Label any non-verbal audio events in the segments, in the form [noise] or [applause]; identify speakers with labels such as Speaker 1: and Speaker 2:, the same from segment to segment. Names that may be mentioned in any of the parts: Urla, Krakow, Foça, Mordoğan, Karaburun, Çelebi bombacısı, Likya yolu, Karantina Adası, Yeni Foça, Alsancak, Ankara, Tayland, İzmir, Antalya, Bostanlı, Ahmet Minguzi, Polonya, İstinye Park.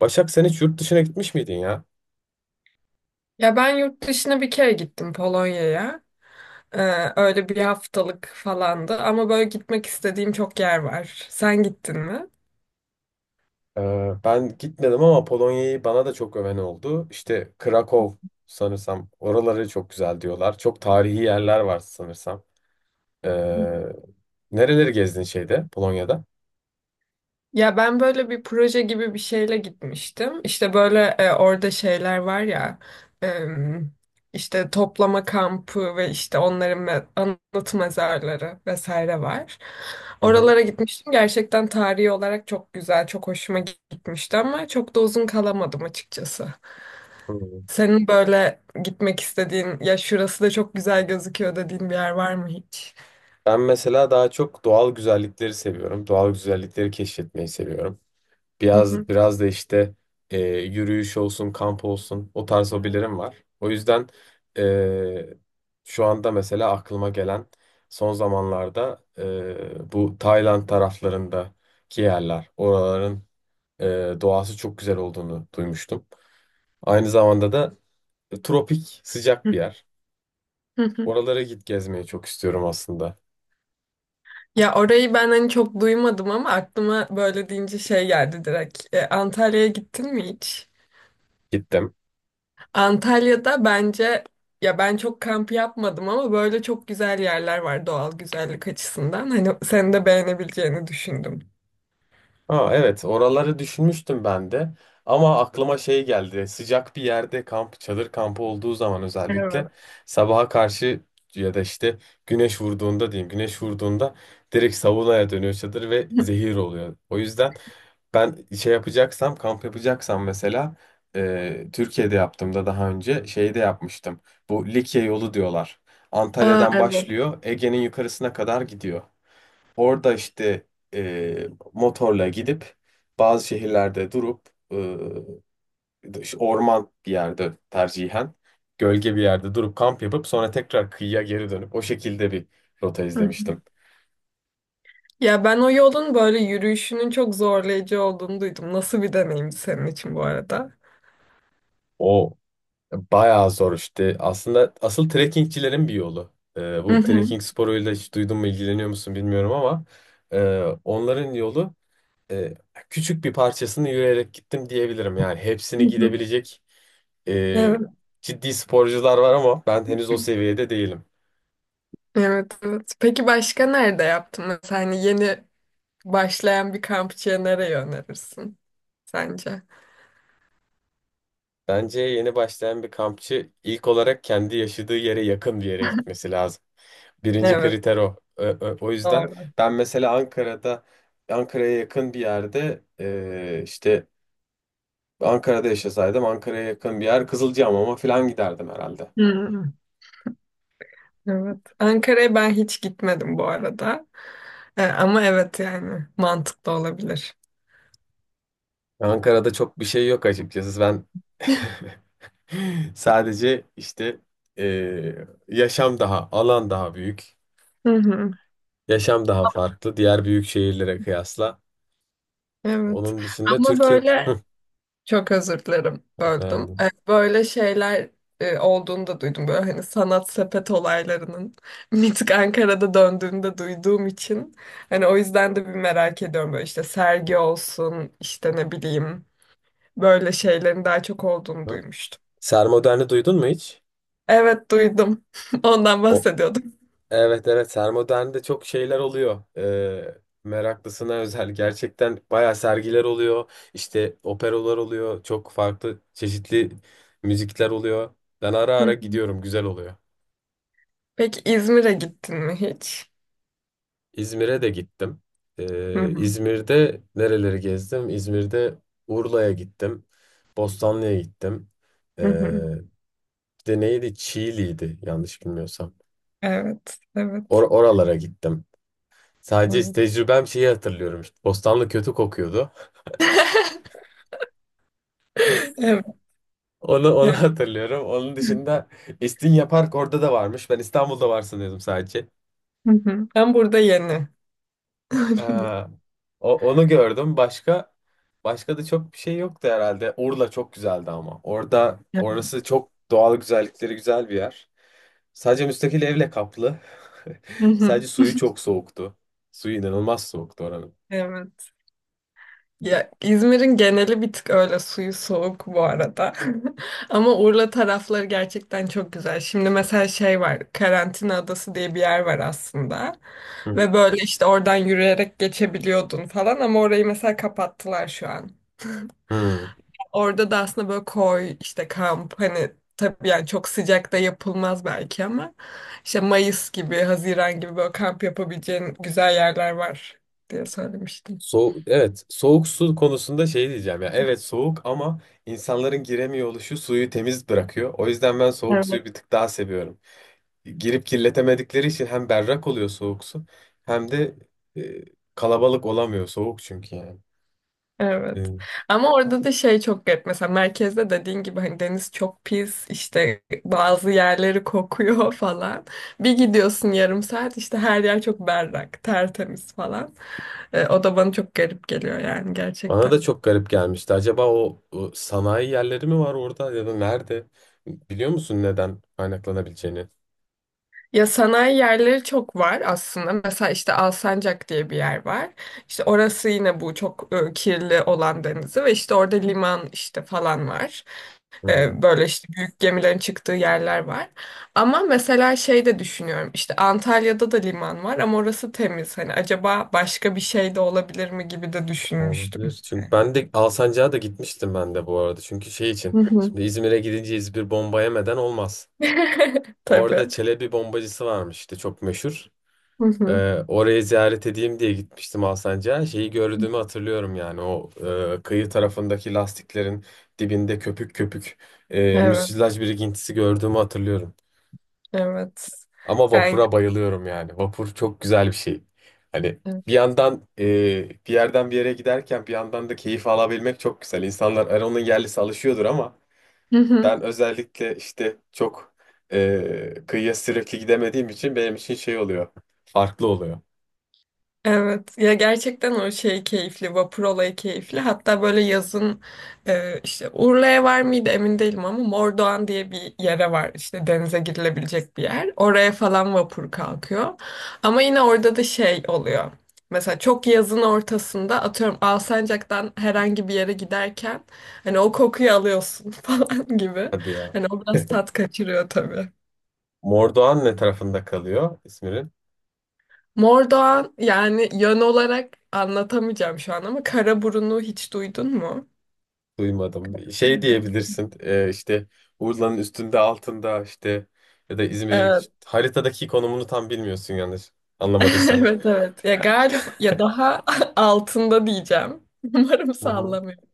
Speaker 1: Başak, sen hiç yurt dışına gitmiş miydin ya?
Speaker 2: Ya ben yurt dışına bir kere gittim Polonya'ya. Ee, Öyle bir haftalık falandı ama böyle gitmek istediğim çok yer var. Sen gittin mi?
Speaker 1: Ben gitmedim ama Polonya'yı bana da çok öven oldu. İşte Krakow sanırsam oraları çok güzel diyorlar. Çok tarihi yerler var sanırsam. Ee, Nereleri gezdin şeyde Polonya'da?
Speaker 2: Ya ben böyle bir proje gibi bir şeyle gitmiştim. İşte böyle orada şeyler var ya e, işte toplama kampı ve işte onların anıt mezarları vesaire var.
Speaker 1: Hı hı.
Speaker 2: Oralara gitmiştim. Gerçekten tarihi olarak çok güzel, çok hoşuma gitmişti ama çok da uzun kalamadım açıkçası.
Speaker 1: Hı.
Speaker 2: Senin böyle gitmek istediğin, ya şurası da çok güzel gözüküyor dediğin bir yer var mı hiç?
Speaker 1: Ben mesela daha çok doğal güzellikleri seviyorum. Doğal güzellikleri keşfetmeyi seviyorum.
Speaker 2: Hı hı,
Speaker 1: Biraz da işte yürüyüş olsun, kamp olsun o tarz hobilerim var. O yüzden e, şu anda mesela aklıma gelen son zamanlarda, bu Tayland taraflarındaki yerler, oraların e, doğası çok güzel olduğunu duymuştum. Aynı zamanda da tropik, sıcak
Speaker 2: hı
Speaker 1: bir yer.
Speaker 2: hı, hı.
Speaker 1: Oralara git gezmeyi çok istiyorum aslında.
Speaker 2: Ya orayı ben hani çok duymadım ama aklıma böyle deyince şey geldi direkt. Antalya'ya gittin mi hiç?
Speaker 1: Gittim.
Speaker 2: Antalya'da bence ya ben çok kamp yapmadım ama böyle çok güzel yerler var doğal güzellik açısından. Hani senin de beğenebileceğini düşündüm.
Speaker 1: Ha, evet, oraları düşünmüştüm ben de ama aklıma şey geldi, sıcak bir yerde kamp, çadır kampı olduğu zaman özellikle
Speaker 2: Evet.
Speaker 1: sabaha karşı ya da işte güneş vurduğunda diyeyim, güneş vurduğunda direkt saunaya dönüyor çadır ve
Speaker 2: [laughs]
Speaker 1: zehir oluyor. O yüzden ben şey yapacaksam, kamp yapacaksam mesela, Türkiye'de yaptığımda daha önce şeyde yapmıştım, bu Likya yolu diyorlar,
Speaker 2: Aa
Speaker 1: Antalya'dan
Speaker 2: evet.
Speaker 1: başlıyor, Ege'nin yukarısına kadar gidiyor. Orada işte motorla gidip bazı şehirlerde durup, e, işte orman bir yerde tercihen, gölge bir yerde durup kamp yapıp sonra tekrar kıyıya geri dönüp o şekilde bir rota izlemiştim.
Speaker 2: Ya ben o yolun böyle yürüyüşünün çok zorlayıcı olduğunu duydum. Nasıl bir deneyimdi senin için bu arada?
Speaker 1: O Bayağı zor işte. Aslında asıl trekkingçilerin bir yolu.
Speaker 2: Hı
Speaker 1: Bu
Speaker 2: hı.
Speaker 1: trekking sporuyla hiç duydun mu, ilgileniyor musun bilmiyorum ama e, onların yolu e, küçük bir parçasını yürüyerek gittim diyebilirim. Yani
Speaker 2: Hı
Speaker 1: hepsini
Speaker 2: hı.
Speaker 1: gidebilecek e,
Speaker 2: Evet,
Speaker 1: ciddi sporcular var ama ben henüz o seviyede değilim.
Speaker 2: evet, evet. Peki başka nerede yaptın? Mesela hani yeni başlayan bir kampçıya nereye önerirsin sence?
Speaker 1: Bence yeni başlayan bir kampçı ilk olarak kendi yaşadığı yere yakın bir yere gitmesi lazım. Birinci
Speaker 2: Evet,
Speaker 1: kriter o. O yüzden
Speaker 2: doğru.
Speaker 1: ben mesela Ankara'ya yakın bir yerde, işte Ankara'da yaşasaydım Ankara'ya yakın bir yer, Kızılcahamam'a falan giderdim herhalde.
Speaker 2: Hı. Evet. Ankara'ya ben hiç gitmedim bu arada. Ama evet yani mantıklı olabilir.
Speaker 1: Ankara'da çok bir şey yok açıkçası. Ben [laughs] sadece işte yaşam daha, alan daha büyük,
Speaker 2: Hı hı.
Speaker 1: yaşam daha farklı diğer büyük şehirlere kıyasla.
Speaker 2: Evet.
Speaker 1: Onun dışında
Speaker 2: Ama
Speaker 1: Türkiye'de.
Speaker 2: böyle
Speaker 1: Hı.
Speaker 2: çok özür dilerim böldüm.
Speaker 1: Beğendim.
Speaker 2: Böyle şeyler olduğunu da duydum. Böyle hani sanat sepet olaylarının [laughs] mitik Ankara'da döndüğünde duyduğum için. Hani o yüzden de bir merak ediyorum. Böyle işte sergi olsun işte ne bileyim böyle şeylerin daha çok olduğunu
Speaker 1: Hı.
Speaker 2: duymuştum.
Speaker 1: Sermodern'i duydun mu hiç?
Speaker 2: Evet duydum. [laughs] Ondan
Speaker 1: O,
Speaker 2: bahsediyordum.
Speaker 1: Evet, evet, Sermodern'de çok şeyler oluyor. Meraklısına özel gerçekten bayağı sergiler oluyor. İşte operalar oluyor. Çok farklı çeşitli müzikler oluyor. Ben ara
Speaker 2: Hı.
Speaker 1: ara gidiyorum, güzel oluyor.
Speaker 2: Peki İzmir'e gittin mi hiç?
Speaker 1: İzmir'e de gittim.
Speaker 2: Hı hı.
Speaker 1: İzmir'de nereleri gezdim? İzmir'de Urla'ya gittim. Bostanlı'ya gittim. Ee,
Speaker 2: Hı hı.
Speaker 1: Bir de neydi? Çiğli'ydi yanlış bilmiyorsam.
Speaker 2: Evet, evet.
Speaker 1: Oralara gittim. Sadece
Speaker 2: Evet.
Speaker 1: tecrübem, şeyi hatırlıyorum. İşte Bostanlı kötü kokuyordu.
Speaker 2: [laughs] Evet.
Speaker 1: Onu [laughs]
Speaker 2: Yani.
Speaker 1: hatırlıyorum. Onun dışında İstinye Park orada da varmış. Ben İstanbul'da var sanıyordum sadece.
Speaker 2: Hı hı. Ben burada yeni.
Speaker 1: Ee,
Speaker 2: [laughs]
Speaker 1: onu gördüm. Başka da çok bir şey yoktu herhalde. Urla çok güzeldi ama.
Speaker 2: Hı
Speaker 1: Orası çok doğal güzellikleri güzel bir yer. Sadece müstakil evle kaplı. [laughs]
Speaker 2: hı.
Speaker 1: Sadece suyu çok soğuktu. Suyu inanılmaz soğuktu oranın.
Speaker 2: Evet. Ya İzmir'in geneli bir tık öyle suyu soğuk bu arada. [laughs] Ama Urla tarafları gerçekten çok güzel. Şimdi mesela şey var. Karantina Adası diye bir yer var aslında.
Speaker 1: Hı hı.
Speaker 2: Ve böyle işte oradan yürüyerek geçebiliyordun falan ama orayı mesela kapattılar şu an.
Speaker 1: Hı.
Speaker 2: Orada da aslında böyle koy işte kamp hani tabii yani çok sıcakta yapılmaz belki ama işte Mayıs gibi, Haziran gibi böyle kamp yapabileceğin güzel yerler var diye söylemiştim.
Speaker 1: Soğuk, evet, soğuk su konusunda şey diyeceğim ya, evet soğuk ama insanların giremiyor oluşu suyu temiz bırakıyor. O yüzden ben soğuk suyu bir tık daha seviyorum. Girip kirletemedikleri için hem berrak oluyor soğuk su hem de e, kalabalık olamıyor soğuk, çünkü yani.
Speaker 2: Evet.
Speaker 1: E,
Speaker 2: Ama orada da şey çok garip. Mesela merkezde dediğin gibi hani deniz çok pis, işte bazı yerleri kokuyor [laughs] falan. Bir gidiyorsun yarım saat işte her yer çok berrak, tertemiz falan. O da bana çok garip geliyor yani
Speaker 1: Bana
Speaker 2: gerçekten.
Speaker 1: da çok garip gelmişti. Acaba o sanayi yerleri mi var orada ya da nerede? Biliyor musun neden kaynaklanabileceğini?
Speaker 2: Ya sanayi yerleri çok var aslında. Mesela işte Alsancak diye bir yer var. İşte orası yine bu çok kirli olan denizi ve işte orada liman işte falan var.
Speaker 1: Hı.
Speaker 2: Böyle işte büyük gemilerin çıktığı yerler var. Ama mesela şey de düşünüyorum. İşte Antalya'da da liman var ama orası temiz. Hani acaba başka bir şey de olabilir mi gibi de düşünmüştüm.
Speaker 1: Olabilir. Çünkü ben de Alsancak'a da gitmiştim ben de bu arada. Çünkü şey için.
Speaker 2: Hı hı.
Speaker 1: Şimdi İzmir'e gidince İzmir bomba yemeden olmaz.
Speaker 2: [laughs]
Speaker 1: Orada
Speaker 2: Tabii.
Speaker 1: Çelebi bombacısı varmış işte, çok meşhur.
Speaker 2: Hı hı.
Speaker 1: Orayı ziyaret edeyim diye gitmiştim Alsancak'a. Şeyi gördüğümü hatırlıyorum yani. Kıyı tarafındaki lastiklerin dibinde köpük köpük
Speaker 2: Evet.
Speaker 1: müsilaj birikintisi gördüğümü hatırlıyorum.
Speaker 2: Evet.
Speaker 1: Ama
Speaker 2: Yani
Speaker 1: vapura bayılıyorum yani. Vapur çok güzel bir şey. Hani
Speaker 2: evet.
Speaker 1: bir yandan bir yerden bir yere giderken bir yandan da keyif alabilmek çok güzel. İnsanlar, hani onun yerlisi alışıyordur ama
Speaker 2: Hı
Speaker 1: ben
Speaker 2: hı.
Speaker 1: özellikle işte çok kıyıya sürekli gidemediğim için benim için şey oluyor. Farklı oluyor.
Speaker 2: Evet ya gerçekten o şey keyifli vapur olayı keyifli hatta böyle yazın işte Urla'ya var mıydı emin değilim ama Mordoğan diye bir yere var işte denize girilebilecek bir yer oraya falan vapur kalkıyor ama yine orada da şey oluyor mesela çok yazın ortasında atıyorum Alsancak'tan herhangi bir yere giderken hani o kokuyu alıyorsun [laughs] falan gibi
Speaker 1: Hadi ya.
Speaker 2: hani o biraz tat kaçırıyor tabii.
Speaker 1: Mordoğan ne tarafında kalıyor İzmir'in?
Speaker 2: Mordoğan yani yön olarak anlatamayacağım şu an ama Karaburun'u hiç duydun mu?
Speaker 1: Duymadım. Şey
Speaker 2: Duydum.
Speaker 1: diyebilirsin, işte Urla'nın üstünde, altında işte, ya da İzmir'in
Speaker 2: Evet,
Speaker 1: işte haritadaki konumunu tam bilmiyorsun yanlış
Speaker 2: [laughs]
Speaker 1: anlamadıysam.
Speaker 2: evet, evet. Ya galip ya daha [laughs] altında diyeceğim. [laughs] Umarım
Speaker 1: Hı hı.
Speaker 2: sallamıyorum.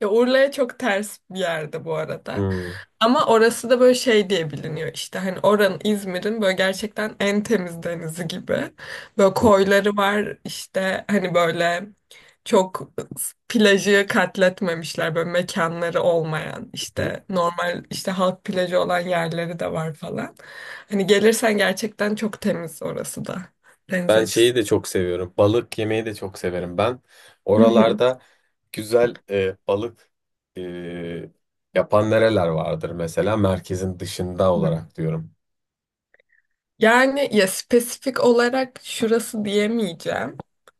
Speaker 2: Ya Urla'ya çok ters bir yerde bu arada.
Speaker 1: Hmm.
Speaker 2: Ama orası da böyle şey diye biliniyor işte hani oranın İzmir'in böyle gerçekten en temiz denizi gibi. Böyle
Speaker 1: Hı
Speaker 2: koyları var işte hani böyle çok plajı katletmemişler böyle mekanları olmayan
Speaker 1: hı.
Speaker 2: işte normal işte halk plajı olan yerleri de var falan. Hani gelirsen gerçekten çok temiz orası da deniz
Speaker 1: Ben şeyi de çok seviyorum. Balık yemeyi de çok severim. Ben
Speaker 2: açısından.
Speaker 1: oralarda güzel balık e, yapan nereler vardır mesela, merkezin dışında
Speaker 2: [laughs]
Speaker 1: olarak diyorum.
Speaker 2: Yani ya spesifik olarak şurası diyemeyeceğim.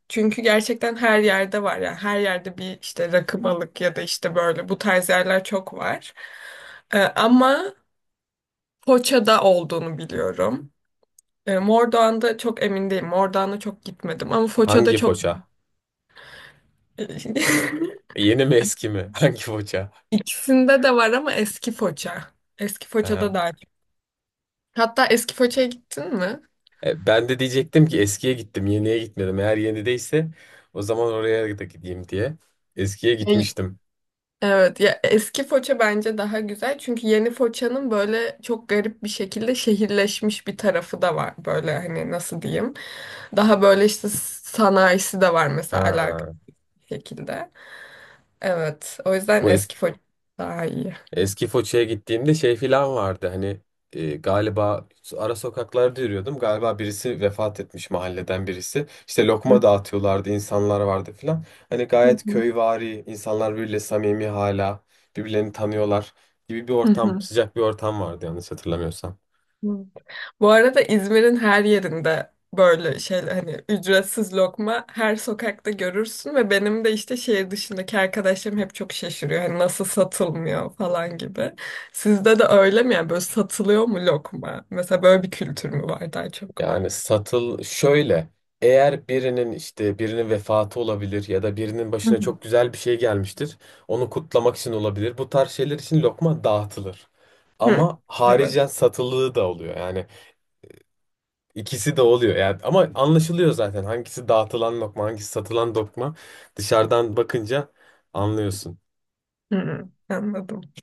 Speaker 2: Çünkü gerçekten her yerde var yani her yerde bir işte rakı balık ya da işte böyle bu tarz yerler çok var. Ama Foça'da olduğunu biliyorum. Mordoğan'da çok emin değilim. Mordoğan'a çok gitmedim ama Foça'da
Speaker 1: Hangi
Speaker 2: çok
Speaker 1: foça?
Speaker 2: [laughs]
Speaker 1: Yeni mi eski mi? [laughs] Hangi foça?
Speaker 2: ikisinde de var ama eski Foça. Eski
Speaker 1: Ha.
Speaker 2: Foça'da daha çok. Hatta eski Foça'ya gittin mi?
Speaker 1: Ben de diyecektim ki eskiye gittim, yeniye gitmedim. Eğer yenideyse o zaman oraya da gideyim diye. Eskiye gitmiştim.
Speaker 2: Evet ya eski Foça bence daha güzel çünkü yeni Foça'nın böyle çok garip bir şekilde şehirleşmiş bir tarafı da var böyle hani nasıl diyeyim daha böyle işte sanayisi de var mesela
Speaker 1: Ha.
Speaker 2: alakalı bir şekilde evet o yüzden
Speaker 1: Bu es
Speaker 2: eski Foça daha iyi.
Speaker 1: Eski Foça'ya gittiğimde şey filan vardı, hani galiba ara sokaklarda yürüyordum, galiba birisi vefat etmiş mahalleden birisi, işte lokma
Speaker 2: Hı
Speaker 1: dağıtıyorlardı, insanlar vardı filan, hani gayet
Speaker 2: hı.
Speaker 1: köyvari, insanlar birbiriyle samimi, hala birbirlerini tanıyorlar gibi bir
Speaker 2: Hı
Speaker 1: ortam,
Speaker 2: hı.
Speaker 1: sıcak bir ortam vardı yanlış hatırlamıyorsam.
Speaker 2: Hı. Bu arada İzmir'in her yerinde böyle şey hani ücretsiz lokma her sokakta görürsün ve benim de işte şehir dışındaki arkadaşlarım hep çok şaşırıyor. Hani nasıl satılmıyor falan gibi. Sizde de öyle mi yani böyle satılıyor mu lokma? Mesela böyle bir kültür mü var daha çok?
Speaker 1: Yani şöyle, eğer birinin işte, birinin vefatı olabilir ya da birinin
Speaker 2: Hı
Speaker 1: başına
Speaker 2: hı.
Speaker 1: çok güzel bir şey gelmiştir. Onu kutlamak için olabilir. Bu tarz şeyler için lokma dağıtılır.
Speaker 2: Hı.
Speaker 1: Ama
Speaker 2: Evet.
Speaker 1: haricen satılığı da oluyor. Yani ikisi de oluyor. Yani ama anlaşılıyor zaten hangisi dağıtılan lokma, hangisi satılan lokma. Dışarıdan bakınca anlıyorsun.
Speaker 2: Hı, hı. Anladım.